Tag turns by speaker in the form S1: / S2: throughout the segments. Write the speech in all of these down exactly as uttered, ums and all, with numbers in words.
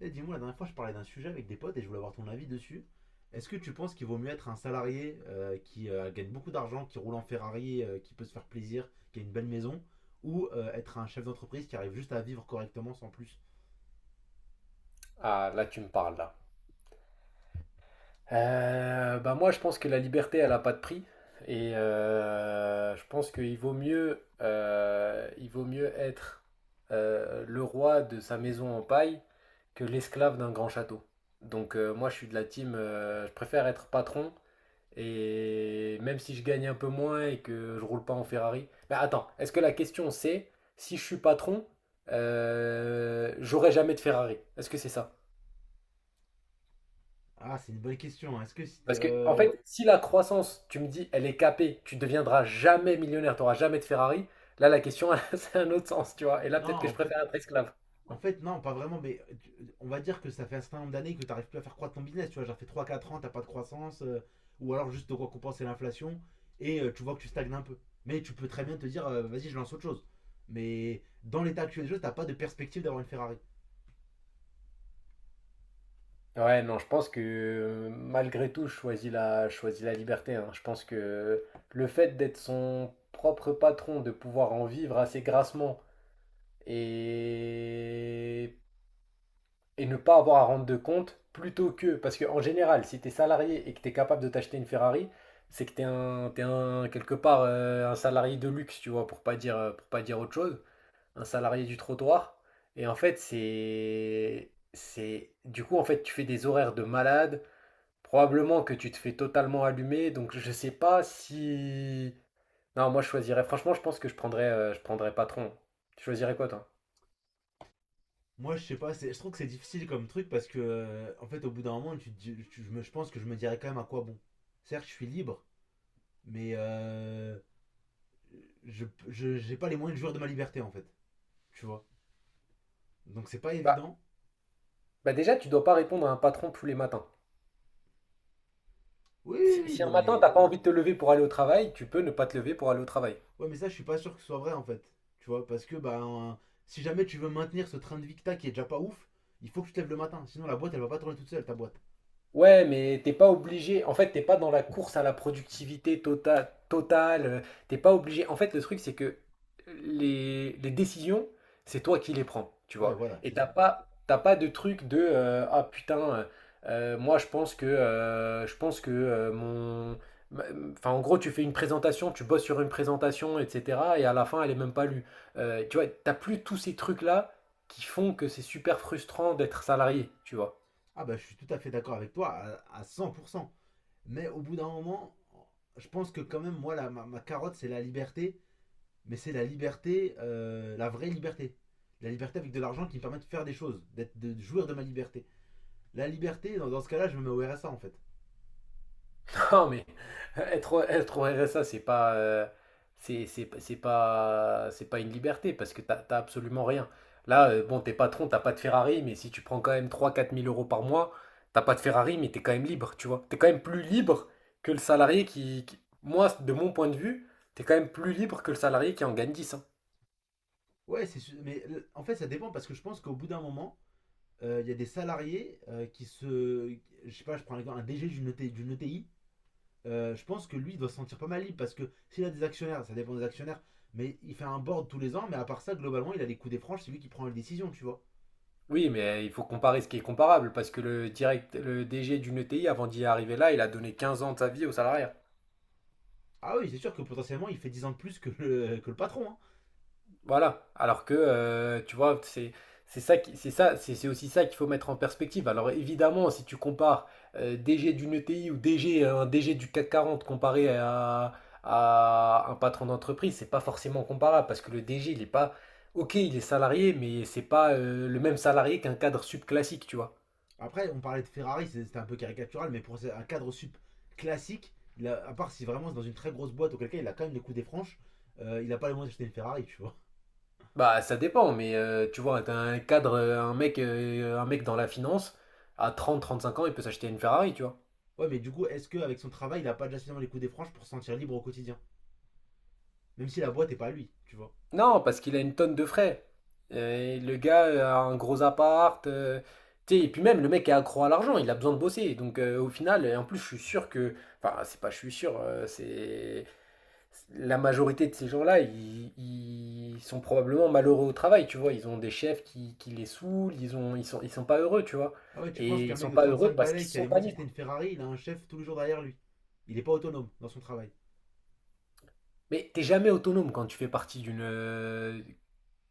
S1: Eh, dis-moi, la dernière fois, je parlais d'un sujet avec des potes et je voulais avoir ton avis dessus. Est-ce que tu penses qu'il vaut mieux être un salarié euh, qui euh, gagne beaucoup d'argent, qui roule en Ferrari, euh, qui peut se faire plaisir, qui a une belle maison, ou euh, être un chef d'entreprise qui arrive juste à vivre correctement sans plus.
S2: Ah, là, tu me parles, là. Euh, bah moi, je pense que la liberté, elle n'a pas de prix. Et euh, je pense qu'il vaut mieux, euh, il vaut mieux être euh, le roi de sa maison en paille que l'esclave d'un grand château. Donc euh, moi, je suis de la team, euh, je préfère être patron. Et même si je gagne un peu moins et que je roule pas en Ferrari. Mais attends, est-ce que la question c'est si je suis patron, euh, j'aurai jamais de Ferrari? Est-ce que c'est ça?
S1: Ah, c'est une bonne question, hein. Est-ce que si t'es.
S2: Parce que, en
S1: Euh,
S2: fait, si la croissance, tu me dis, elle est capée, tu ne deviendras jamais millionnaire, tu n'auras jamais de Ferrari, là, la question, c'est un autre sens, tu vois. Et là,
S1: Non,
S2: peut-être que
S1: en
S2: je
S1: fait.
S2: préfère être esclave.
S1: En fait, non, pas vraiment, mais tu- On va dire que ça fait un certain nombre d'années que tu n'arrives plus à faire croître ton business. Tu vois, genre, fait trois, quatre ans, tu pas de croissance, euh, ou alors juste de récompenser l'inflation, et euh, tu vois que tu stagnes un peu. Mais tu peux très bien te dire, euh, vas-y, je lance autre chose. Mais dans l'état actuel des choses, t'as pas de perspective d'avoir une Ferrari.
S2: Ouais, non, je pense que euh, malgré tout, je choisis la, je choisis la liberté. Hein. Je pense que le fait d'être son propre patron, de pouvoir en vivre assez grassement et et ne pas avoir à rendre de compte plutôt que. Parce qu'en général, si tu es salarié et que tu es capable de t'acheter une Ferrari, c'est que tu es, un, t'es un- quelque part euh, un salarié de luxe, tu vois, pour pas dire, euh, pour pas dire autre chose, un salarié du trottoir. Et en fait, c'est. C'est du coup, en fait, tu fais des horaires de malade. Probablement que tu te fais totalement allumer. Donc, je sais pas si. Non, moi, je choisirais. Franchement, je pense que je prendrais, euh, je prendrais patron. Tu choisirais quoi, toi?
S1: Moi, je sais pas, c'est- je trouve que c'est difficile comme truc parce que, euh, en fait, au bout d'un moment, tu, te dis- tu- je, me- je pense que je me dirais quand même à quoi bon. Certes, je suis libre, mais euh, je je- j'ai pas les moyens de jouir de ma liberté, en fait. Tu vois. Donc, c'est pas
S2: Bah,
S1: évident.
S2: bah déjà, tu dois pas répondre à un patron tous les matins.
S1: Oui,
S2: Si,
S1: oui, oui,
S2: si un
S1: non,
S2: matin, t'as
S1: mais.
S2: pas envie de te lever pour aller au travail, tu peux ne pas te lever pour aller au travail.
S1: Ouais, mais ça, je suis pas sûr que ce soit vrai en fait. Tu vois, parce que bah, un- si jamais tu veux maintenir ce train de vie que t'as qui est déjà pas ouf, il faut que tu te lèves le matin. Sinon, la boîte, elle va pas tourner toute seule, ta boîte.
S2: Ouais, mais t'es pas obligé. En fait, t'es pas dans la course à la productivité tota- totale. euh, T'es pas obligé. En fait, le truc, c'est que les, les décisions, c'est toi qui les prends, tu
S1: Ouais,
S2: vois.
S1: voilà,
S2: Et
S1: c'est
S2: t'as
S1: ça.
S2: pas, t'as pas de truc de euh, ah putain, euh, euh, moi je pense que euh, je pense que euh, mon. ma- enfin, en gros, tu fais une présentation, tu bosses sur une présentation, et cetera. Et à la fin, elle est même pas lue. Euh, tu vois, t'as plus tous ces trucs-là qui font que c'est super frustrant d'être salarié, tu vois.
S1: Ah, bah, je suis tout à fait d'accord avec toi à, à cent pour cent. Mais au bout d'un moment, je pense que quand même, moi, la- ma, ma carotte, c'est la liberté. Mais c'est la liberté, euh, la vraie liberté. La liberté avec de l'argent qui me permet de faire des choses, d'être, de jouir de ma liberté. La liberté, dans, dans ce cas-là, je me mets au R S A en fait.
S2: Non, mais être, au- être au R S A, c'est pas, euh, c'est, c'est, c'est pas, c'est pas une liberté parce que t'as, t'as absolument rien. Là, euh, bon, t'es patron, t'as pas de Ferrari, mais si tu prends quand même trois quatre mille euros par mois, t'as pas de Ferrari, mais t'es quand même libre, tu vois. T'es quand même plus libre que le salarié qui, qui- moi, de mon point de vue, t'es quand même plus libre que le salarié qui en gagne dix. Hein.
S1: Ouais, c'est su- mais euh, en fait, ça dépend parce que je pense qu'au bout d'un moment, euh, il y a des salariés euh, qui se. Je sais pas, je prends l'exemple, un D G d'une E T I. d'une E T I, euh, je pense que lui, il doit se sentir pas mal libre parce que s'il a des actionnaires, ça dépend des actionnaires, mais il fait un board tous les ans, mais à part ça, globalement, il a les coups des franges, c'est lui qui prend les décisions, tu vois.
S2: Oui, mais euh, il faut comparer ce qui est comparable parce que le direct, le D G d'une E T I, avant d'y arriver là, il a donné quinze ans de sa vie au salarié.
S1: Ah oui, c'est sûr que potentiellement, il fait dix ans de plus que le, que le patron, hein.
S2: Voilà. Alors que, euh, tu vois, c'est c'est ça qui- c'est ça, c'est c'est aussi ça qu'il faut mettre en perspective. Alors évidemment, si tu compares euh, DG d'une ETI ou DG un DG du CAC quarante comparé à, à un patron d'entreprise, c'est pas forcément comparable parce que le D G, il est pas OK, il est salarié, mais c'est pas euh, le même salarié qu'un cadre subclassique, tu vois.
S1: Après, on parlait de Ferrari, c'était un peu caricatural, mais pour un cadre sup classique, il a- à part si vraiment c'est dans une très grosse boîte, auquel cas il a quand même les coups des franges, euh, il n'a pas les moyens d'acheter une Ferrari, tu vois.
S2: Bah, ça dépend, mais euh, tu vois, t'as un cadre, euh, un mec, euh, un mec dans la finance, à trente trente cinq ans, il peut s'acheter une Ferrari, tu vois.
S1: Ouais, mais du coup, est-ce qu'avec son travail, il n'a pas déjà suffisamment les coups des franges pour se sentir libre au quotidien? Même si la boîte est pas à lui, tu vois.
S2: Non, parce qu'il a une tonne de frais. Euh, le gars euh, a un gros appart. Euh, tu sais, et puis même, le mec est accro à l'argent, il a besoin de bosser. Donc euh, au final, et en plus, je suis sûr que. Enfin, c'est pas je suis sûr, euh, c'est. La majorité de ces gens-là, ils, ils sont probablement malheureux au travail, tu vois. Ils ont des chefs qui, qui les saoulent, ils ont, ils sont, ils sont pas heureux, tu vois.
S1: Ah ouais, tu penses
S2: Et
S1: qu'un
S2: ils
S1: mec
S2: sont
S1: de
S2: pas heureux
S1: trente-cinq
S2: parce
S1: balais
S2: qu'ils
S1: qui a les
S2: sont pas
S1: moyens de s'acheter
S2: libres.
S1: une Ferrari, il a un chef tous les jours derrière lui. Il est pas autonome dans son travail.
S2: Mais t'es jamais autonome quand tu fais partie d'une, euh,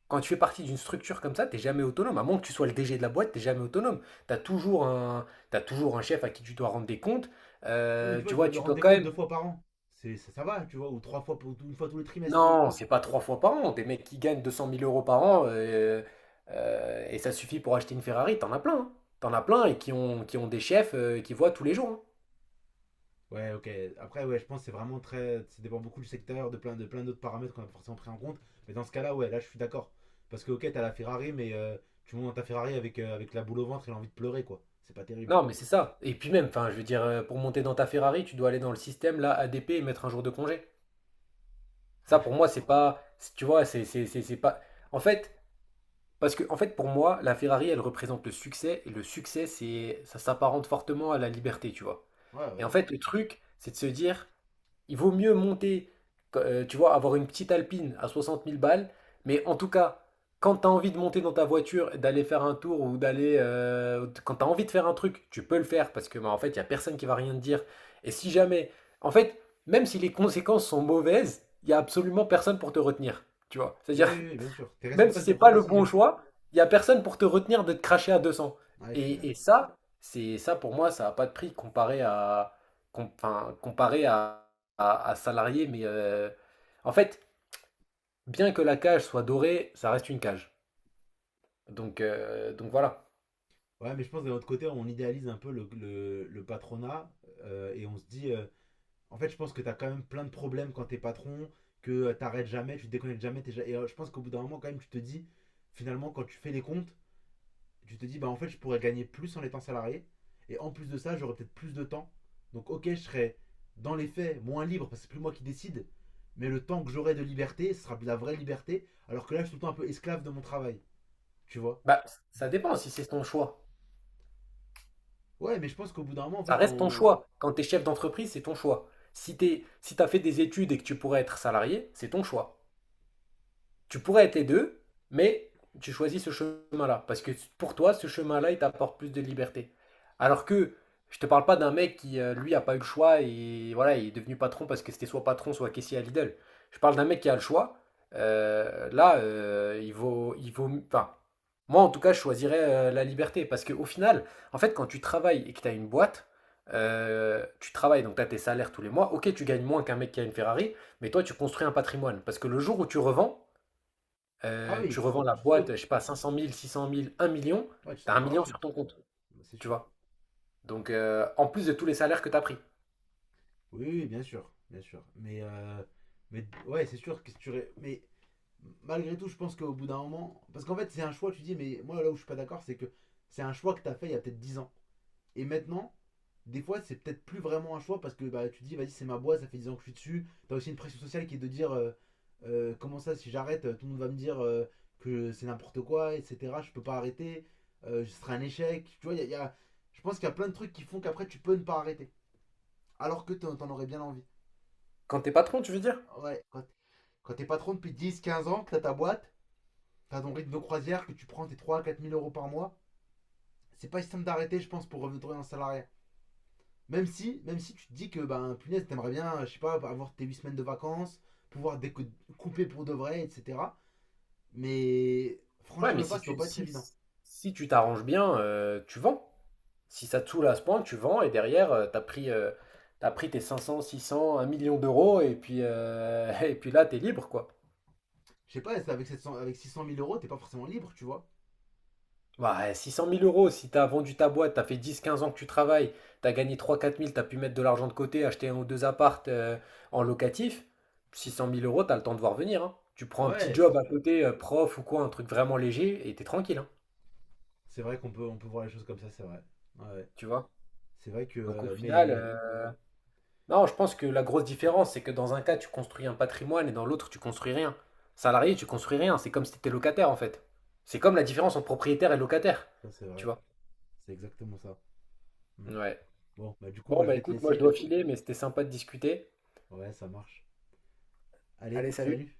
S2: quand tu fais partie d'une structure comme ça, t'es jamais autonome. À moins que tu sois le D G de la boîte, t'es jamais autonome. T'as toujours un, t'as toujours un chef à qui tu dois rendre des comptes.
S1: Ouais, mais
S2: Euh,
S1: tu vois,
S2: tu
S1: je dois
S2: vois,
S1: lui
S2: tu
S1: rendre
S2: dois
S1: des
S2: quand
S1: comptes deux
S2: même.
S1: fois par an. C'est, ça, ça va, tu vois, ou trois fois, pour- une fois tous les trimestres.
S2: Non, c'est pas trois fois par an. Des mecs qui gagnent deux cent mille euros par an euh, euh, et ça suffit pour acheter une Ferrari, t'en as plein. Hein. T'en as plein et qui ont, qui ont des chefs euh, qui voient tous les jours. Hein.
S1: Ouais, ok. Après, ouais, je pense que c'est vraiment très. Ça dépend beaucoup du secteur, de plein, de plein d'autres paramètres qu'on a forcément pris en compte. Mais dans ce cas-là, ouais, là, je suis d'accord. Parce que, ok, t'as la Ferrari, mais euh, tu montes dans ta Ferrari avec, euh, avec la boule au ventre et l'envie de pleurer, quoi. C'est pas terrible.
S2: Non, mais c'est ça. Et puis même, enfin, je veux dire, euh, pour monter dans ta Ferrari, tu dois aller dans le système là, A D P et mettre un jour de congé. Ça,
S1: Ouais,
S2: pour moi, c'est pas, tu vois, c'est, c'est, c'est c'est pas. En fait, Parce que, en fait, pour moi, la Ferrari, elle représente le succès, et le succès, c'est, ça s'apparente fortement à la liberté, tu vois.
S1: ouais,
S2: Et en
S1: ouais.
S2: fait, le truc, c'est de se dire, il vaut mieux monter, euh, tu vois, avoir une petite Alpine à soixante mille balles, mais en tout cas, quand tu as envie de monter dans ta voiture, et d'aller faire un tour ou d'aller, euh, quand tu as envie de faire un truc, tu peux le faire parce que, bah, en fait, il y a personne qui va rien te dire. Et si jamais, en fait, même si les conséquences sont mauvaises, il y a absolument personne pour te retenir, tu vois.
S1: Oui,
S2: C'est-à-dire
S1: oui, oui, bien sûr. T'es
S2: même si
S1: responsable de
S2: c'est
S1: tes propres
S2: pas le bon
S1: décisions.
S2: choix, il y a personne pour te retenir de te cracher à deux cents.
S1: Ouais, je suis
S2: Et, et
S1: d'accord.
S2: ça, c'est ça pour moi, ça a pas de prix comparé à com- enfin, comparé à, à, à salarié. Mais euh, en fait, bien que la cage soit dorée, ça reste une cage. Donc euh, donc voilà.
S1: Ouais, mais je pense que d'un autre côté, on idéalise un peu le, le- le patronat euh, et on se dit, euh, en fait, je pense que t'as quand même plein de problèmes quand t'es patron, que euh, t'arrêtes jamais, tu te déconnectes jamais. T'es ja- et euh, je pense qu'au bout d'un moment, quand même, tu te dis, finalement, quand tu fais les comptes, tu te dis, bah en fait, je pourrais gagner plus en étant salarié. Et en plus de ça, j'aurais peut-être plus de temps. Donc, ok, je serais dans les faits moins libre parce que c'est plus moi qui décide. Mais le temps que j'aurai de liberté, ce sera de la vraie liberté. Alors que là, je suis tout le temps un peu esclave de mon travail. Tu vois?
S2: Bah ça dépend si c'est ton choix.
S1: Ouais, mais je pense qu'au bout d'un moment, en
S2: Ça
S1: fait,
S2: reste ton
S1: en-
S2: choix. Quand t'es chef d'entreprise, c'est ton choix. Si t'es si t'as fait des études et que tu pourrais être salarié, c'est ton choix. Tu pourrais être les deux, mais tu choisis ce chemin-là. Parce que pour toi, ce chemin-là, il t'apporte plus de liberté. Alors que je te parle pas d'un mec qui, euh, lui, a pas eu le choix et voilà, il est devenu patron parce que c'était soit patron, soit caissier à Lidl. Je parle d'un mec qui a le choix. Euh, là, euh, il vaut, il vaut, enfin, moi en tout cas, je choisirais euh, la liberté parce qu'au final, en fait, quand tu travailles et que tu as une boîte, euh, tu travailles donc tu as tes salaires tous les mois. Ok, tu gagnes moins qu'un mec qui a une Ferrari, mais toi, tu construis un patrimoine parce que le jour où tu revends,
S1: Ah
S2: euh,
S1: oui,
S2: tu
S1: tu
S2: revends
S1: sautes,
S2: la
S1: tu
S2: boîte,
S1: sautes.
S2: je sais pas, cinq cent mille six cent mille un million,
S1: Ouais, tu sautes
S2: t'as
S1: en
S2: un million
S1: parachute.
S2: sur ton compte,
S1: Bah, c'est
S2: tu
S1: sûr.
S2: vois. Donc, euh, en plus de tous les salaires que t'as pris.
S1: Oui, oui, oui, bien sûr, bien sûr. Mais, euh, mais ouais, c'est sûr que si tu. Ré- mais malgré tout, je pense qu'au bout d'un moment. Parce qu'en fait, c'est un choix, tu dis, mais moi, là où je suis pas d'accord, c'est que c'est un choix que t'as fait il y a peut-être dix ans. Et maintenant, des fois, c'est peut-être plus vraiment un choix parce que bah, tu te dis, vas-y, c'est ma boîte, ça fait dix ans que je suis dessus. T'as aussi une pression sociale qui est de dire, euh, euh, comment ça, si j'arrête, euh, tout le monde va me dire euh, que c'est n'importe quoi, et cetera. Je peux pas arrêter, euh, ce sera un échec. Tu vois, il y a- y a- je pense qu'il y a plein de trucs qui font qu'après, tu peux ne pas arrêter. Alors que t'en t'en aurais bien envie.
S2: Quand t'es patron, tu veux dire?
S1: Ouais, quand, quand t'es patron depuis dix, quinze ans, que t'as ta boîte, t'as ton rythme de croisière, que tu prends tes trois, à quatre mille euros par mois, c'est pas si simple d'arrêter, je pense, pour revenir en salarié. Même si, même si tu te dis que, ben, punaise, t'aimerais bien, je sais pas, avoir tes huit semaines de vacances, pouvoir découper pour de vrai, et cetera. Mais
S2: Ouais,
S1: franchir
S2: mais
S1: le pas,
S2: si
S1: ça doit
S2: tu
S1: pas être
S2: si,
S1: évident.
S2: si tu t'arranges bien, euh, tu vends. Si ça te saoule à ce point, tu vends et derrière, euh, t'as pris, euh, t'as pris tes cinq cents, six 600, un million d'euros et puis, euh, et puis là, t'es libre, quoi.
S1: Je sais pas, c'est avec, 700 avec six cent mille euros, t'es pas forcément libre, tu vois.
S2: Bah, six cent mille euros, si t'as vendu ta boîte, t'as fait dix quinze ans que tu travailles, t'as gagné trois-quatre mille, t'as pu mettre de l'argent de côté, acheter un ou deux appartes euh, en locatif, six cent mille euros, t'as le temps de voir venir. Hein. Tu prends un petit
S1: Ouais, c'est
S2: job à
S1: sûr.
S2: côté, euh, prof ou quoi, un truc vraiment léger, et t'es tranquille, hein,
S1: C'est vrai qu'on peut, on peut voir les choses comme ça, c'est vrai. Ouais.
S2: tu vois.
S1: C'est vrai que.
S2: Donc au
S1: Euh,
S2: final,
S1: mais.
S2: euh, non, je pense que la grosse différence, c'est que dans un cas, tu construis un patrimoine et dans l'autre, tu construis rien. Salarié, tu construis rien, c'est comme si t'étais locataire en fait. C'est comme la différence entre propriétaire et locataire,
S1: Ça, c'est
S2: tu
S1: vrai.
S2: vois.
S1: C'est exactement ça. Mm.
S2: Ouais.
S1: Bon, bah, du coup,
S2: Bon,
S1: moi, je
S2: bah
S1: vais te
S2: écoute, moi je
S1: laisser.
S2: dois filer, mais c'était sympa de discuter.
S1: Ouais, ça marche. Allez,
S2: Allez, salut!
S1: salut!